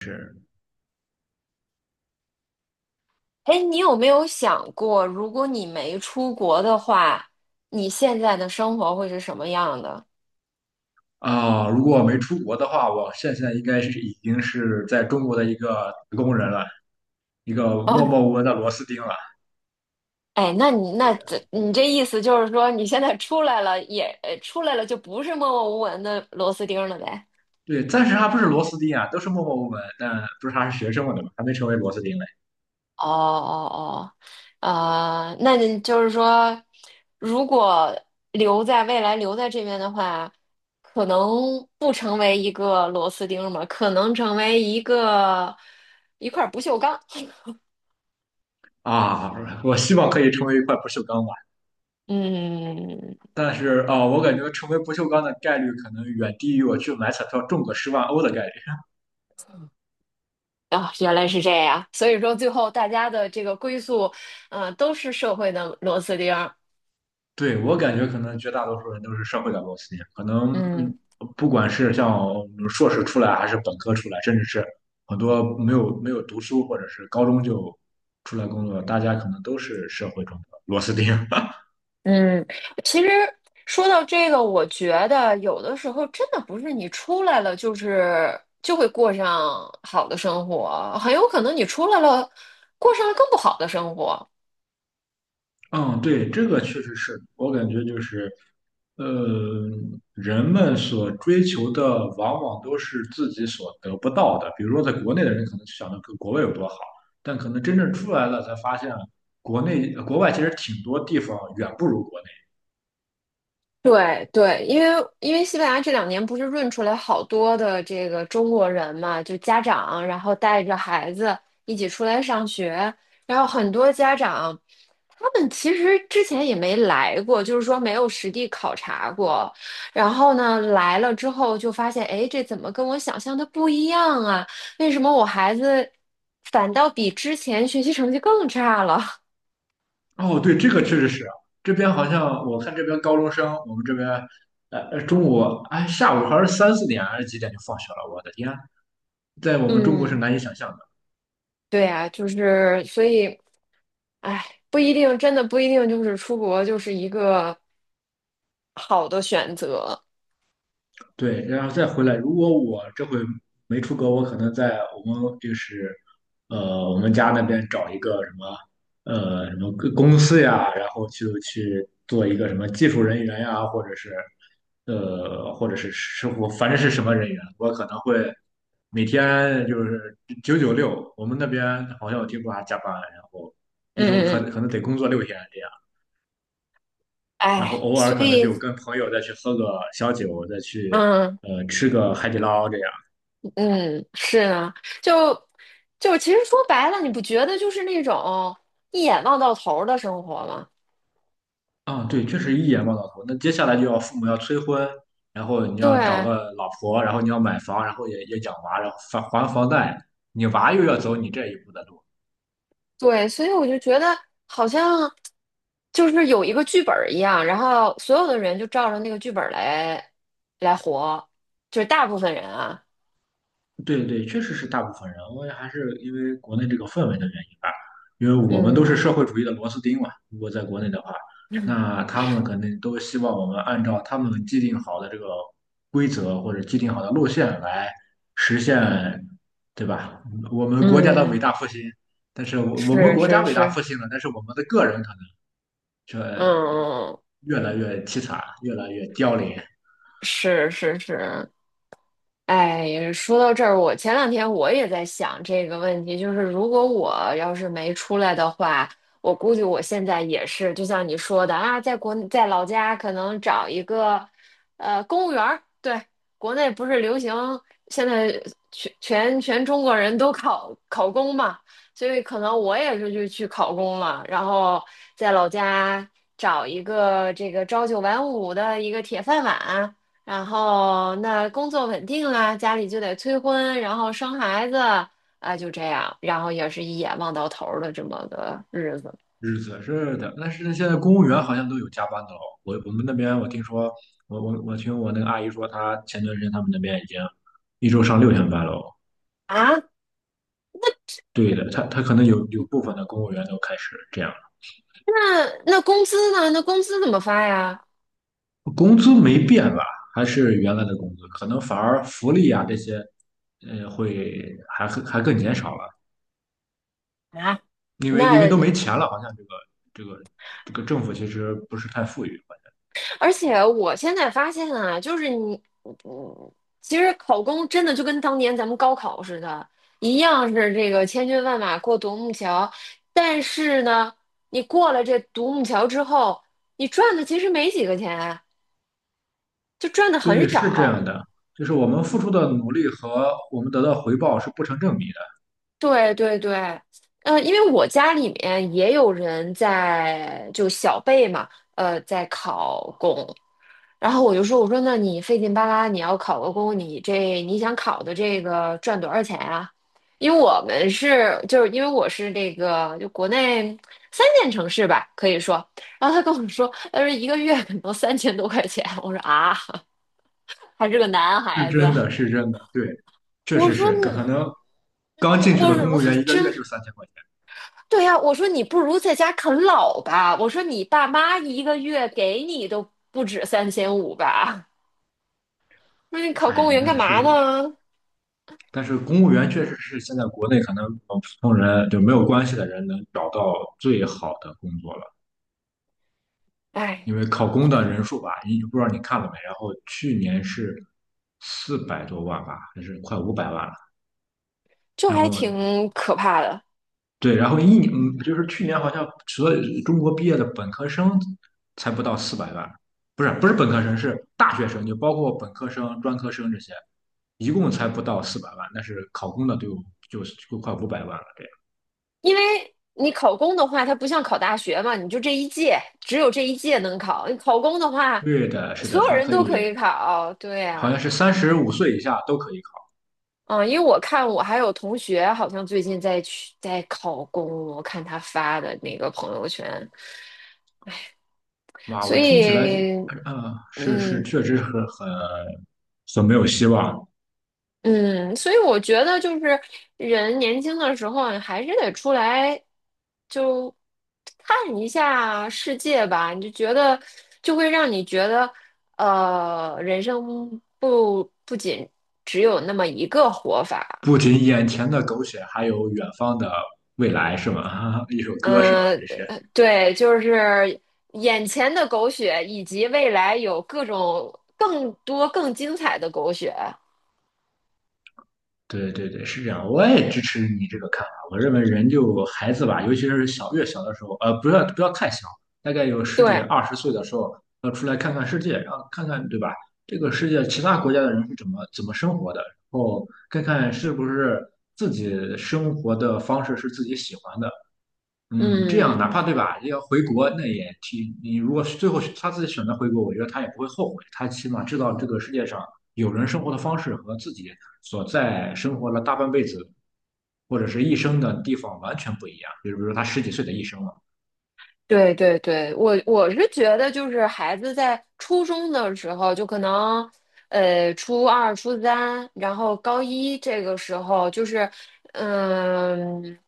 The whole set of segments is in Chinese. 是哎，你有没有想过，如果你没出国的话，你现在的生活会是什么样的？啊、如果我没出国的话，我现在应该是已经是在中国的一个打工人了，一个默哦。默无闻的螺丝钉了。哎，那你那这你这意思就是说，你现在出来了就不是默默无闻的螺丝钉了呗？对，暂时还不是螺丝钉啊，都是默默无闻，但不是还是学生嘛，对吧？还没成为螺丝钉嘞。哦哦哦。那你就是说，如果留在未来留在这边的话，可能不成为一个螺丝钉嘛，可能成为一块不锈钢。啊，我希望可以成为一块不锈钢吧，嗯。但是啊、我感觉成为不锈钢的概率可能远低于我去买彩票中个10万欧的概率。啊，原来是这样，所以说最后大家的这个归宿，都是社会的螺丝钉儿。对，我感觉可能绝大多数人都是社会的螺丝钉。可能嗯嗯不管是像硕士出来，还是本科出来，甚至是很多没有读书，或者是高中就出来工作，大家可能都是社会中的螺丝钉。嗯。其实说到这个，我觉得有的时候真的不是你出来了，就是就会过上好的生活，很有可能你出来了，过上了更不好的生活。嗯，对，这个确实是我感觉就是，呃，人们所追求的往往都是自己所得不到的。比如说，在国内的人可能就想着跟国外有多好，但可能真正出来了才发现，国内国外其实挺多地方远不如国内。对对，因为西班牙这两年不是润出来好多的这个中国人嘛，就家长，然后带着孩子一起出来上学，然后很多家长，他们其实之前也没来过，就是说没有实地考察过，然后呢来了之后就发现，哎，这怎么跟我想象的不一样啊？为什么我孩子反倒比之前学习成绩更差了？哦，对，这个确实是啊，这边好像我看这边高中生，我们这边，中午哎下午还是3、4点还是几点就放学了，我的天，在我 们中国是嗯。难以想象的。对呀，就是所以。哎，不一定，真的不一定，就是出国就是一个好的选择。对，然后再回来。如果我这回没出国，我可能在我们就是我们家那边找一个什么什么个公司呀，然后就去做一个什么技术人员呀，或者是或者是师傅，反正是什么人员，我可能会每天就是996。我们那边好像我听说还加班，然后一嗯周嗯可嗯。可能得工作六天这样。然后哎，偶尔所可能就以。跟朋友再去喝个小酒，再去嗯吃个海底捞这样。嗯，是啊。就就其实说白了，你不觉得就是那种一眼望到头儿的生活吗？啊，对，确实一眼望到头。那接下来就要父母要催婚，然后你要找对个老婆，然后你要买房，然后也养娃，然后还房贷，你娃又要走你这一步的路。对，所以我就觉得好像就是有一个剧本儿一样，然后所有的人就照着那个剧本儿来活，就是大部分人啊。对对，确实是大部分人，我也还是因为国内这个氛围的原因吧，因为我们都是社会嗯主义的螺丝钉嘛。如果在国内的话，那他们肯定都希望我们按照他们既定好的这个规则或者既定好的路线来实现，对吧？我们国家的伟嗯，大复兴，但是我们是国是家伟大是。复兴了，但是我们的个人可能嗯，嗯嗯。越来越凄惨，越来越凋零。是是是。哎，说到这儿，我前两天我也在想这个问题，就是如果我要是没出来的话，我估计我现在也是，就像你说的啊，在老家可能找一个公务员儿。对，国内不是流行现在全中国人都考公嘛，所以可能我也是就去考公了，然后在老家找一个这个朝九晚五的一个铁饭碗。然后那工作稳定了，家里就得催婚，然后生孩子，啊、就这样，然后也是一眼望到头儿的这么个日子日子是的，但是现在公务员好像都有加班的了。我们那边我听说，我听我那个阿姨说，她前段时间他们那边已经一周上六天班了。啊。对的，她她可能有部分的公务员都开始这样了，那那工资呢？那工资怎么发呀？工资没变吧？还是原来的工资，可能反而福利啊这些，会还更减少了，啊。因为都没那钱了，好像这个这个这个政府其实不是太富裕。而且我现在发现啊，就是你，嗯其实考公真的就跟当年咱们高考似的，一样是这个千军万马过独木桥，但是呢，你过了这独木桥之后，你赚的其实没几个钱。就赚的很对，是这样少。的，就是我们付出的努力和我们得到回报是不成正比的，对对对。因为我家里面也有人在就小辈嘛，在考公，然后我就说，我说那你费劲巴拉，你要考个公，你想考的这个赚多少钱啊？因为我们是就是因为我是这个就国内三线城市吧，可以说，然后他跟我说，他说一个月可能3000多块钱，我说啊，还是个男是孩子。真的，是真的，对，确我实说，是，可能刚嗯，进去我的说，公我务说员一个真月就3000块钱，对呀、我说你不如在家啃老吧。我说你爸妈一个月给你都不止3500吧？那你考公务哎，员干那嘛是，呢？但是公务员确实是现在国内可能普通人就没有关系的人能找到最好的工作了，哎，因为考公的人数吧，你不知道你看了没，然后去年是400多万吧，还是快五百万了，就然还后挺可怕的，对，然后一年，嗯就是去年好像所有中国毕业的本科生才不到四百万，不是本科生，是大学生，就包括本科生、专科生这些，一共才不到四百万，但是考公的都有就就快五百万了，这样。因为你考公的话，它不像考大学嘛，你就这一届，只有这一届能考。你考公的话，对的，是所的，有他人可都以，可以考。对好像呀、是35岁以下都可以考。嗯，因为我看我还有同学好像最近在考公，我看他发的那个朋友圈，哇，所我听起来，以。是是，嗯确实是很很没有希望。嗯。所以我觉得就是人年轻的时候，你还是得出来就看一下世界吧，你就觉得就会让你觉得，人生不仅只有那么一个活法。不仅眼前的苟且，还有远方的未来，是吗？一首歌是吗？嗯，这些。对，就是眼前的狗血，以及未来有各种更多更精彩的狗血。对对对，是这样，我也支持你这个看法。我认为人就孩子吧，尤其是小越小的时候，不要太小，大概有十几对，二十岁的时候，要出来看看世界，然后看看对吧？这个世界其他国家的人是怎么生活的，然后看看是不是自己生活的方式是自己喜欢的，嗯，这样嗯。哪怕对吧，要回国那也挺，你如果是最后是他自己选择回国，我觉得他也不会后悔，他起码知道这个世界上有人生活的方式和自己所在生活了大半辈子或者是一生的地方完全不一样，比如说他十几岁的一生了。对对对，我是觉得就是孩子在初中的时候，就可能初二、初三，然后高一这个时候，就是嗯，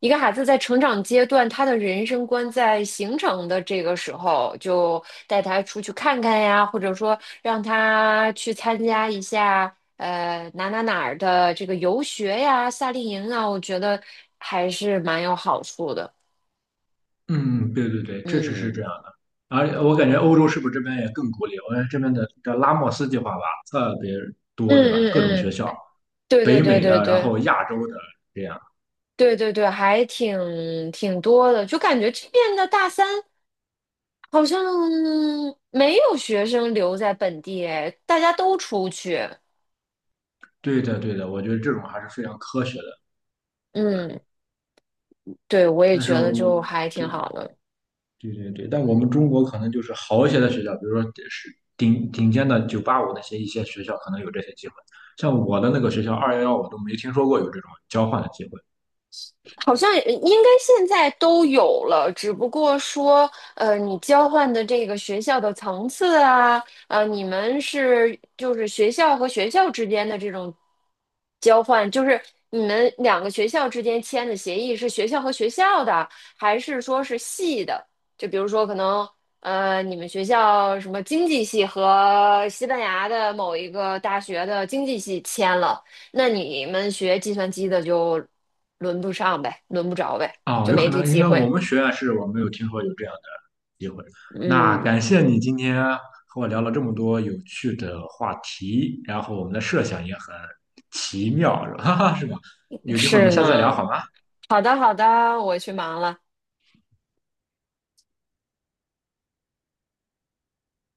一个孩子在成长阶段，他的人生观在形成的这个时候，就带他出去看看呀，或者说让他去参加一下哪儿的这个游学呀、夏令营啊，我觉得还是蛮有好处的。嗯，对对对，确实是嗯。这样的。而我感觉欧洲是不是这边也更鼓励？我感觉这边的叫拉莫斯计划吧，特别嗯多，对吧？嗯各种学嗯，校，对对北对美对的，然对后亚洲的，这样。对对对，还挺多的，就感觉这边的大三好像没有学生留在本地，哎，大家都出去。对的，对的，我觉得这种还是非常科学的。嗯，对，我也但觉是得就我还挺对好的。对对对，但我们中国可能就是好一些的学校，比如说是顶顶尖的985那些一些学校，可能有这些机会。像我的那个学校211，我都没听说过有这种交换的机会。好像应该现在都有了，只不过说，你交换的这个学校的层次啊，你们是就是学校和学校之间的这种交换，就是你们两个学校之间签的协议是学校和学校的，还是说是系的？就比如说可能，你们学校什么经济系和西班牙的某一个大学的经济系签了。那你们学计算机的就轮不上呗，轮不着呗，哦，就有没可这能应机该我会。们学院是我没有听说有这样的机会。那嗯，感谢你今天和我聊了这么多有趣的话题，然后我们的设想也很奇妙，哈哈，是吧？有机会我是们下次再聊呢。好吗？好的，好的，我去忙了。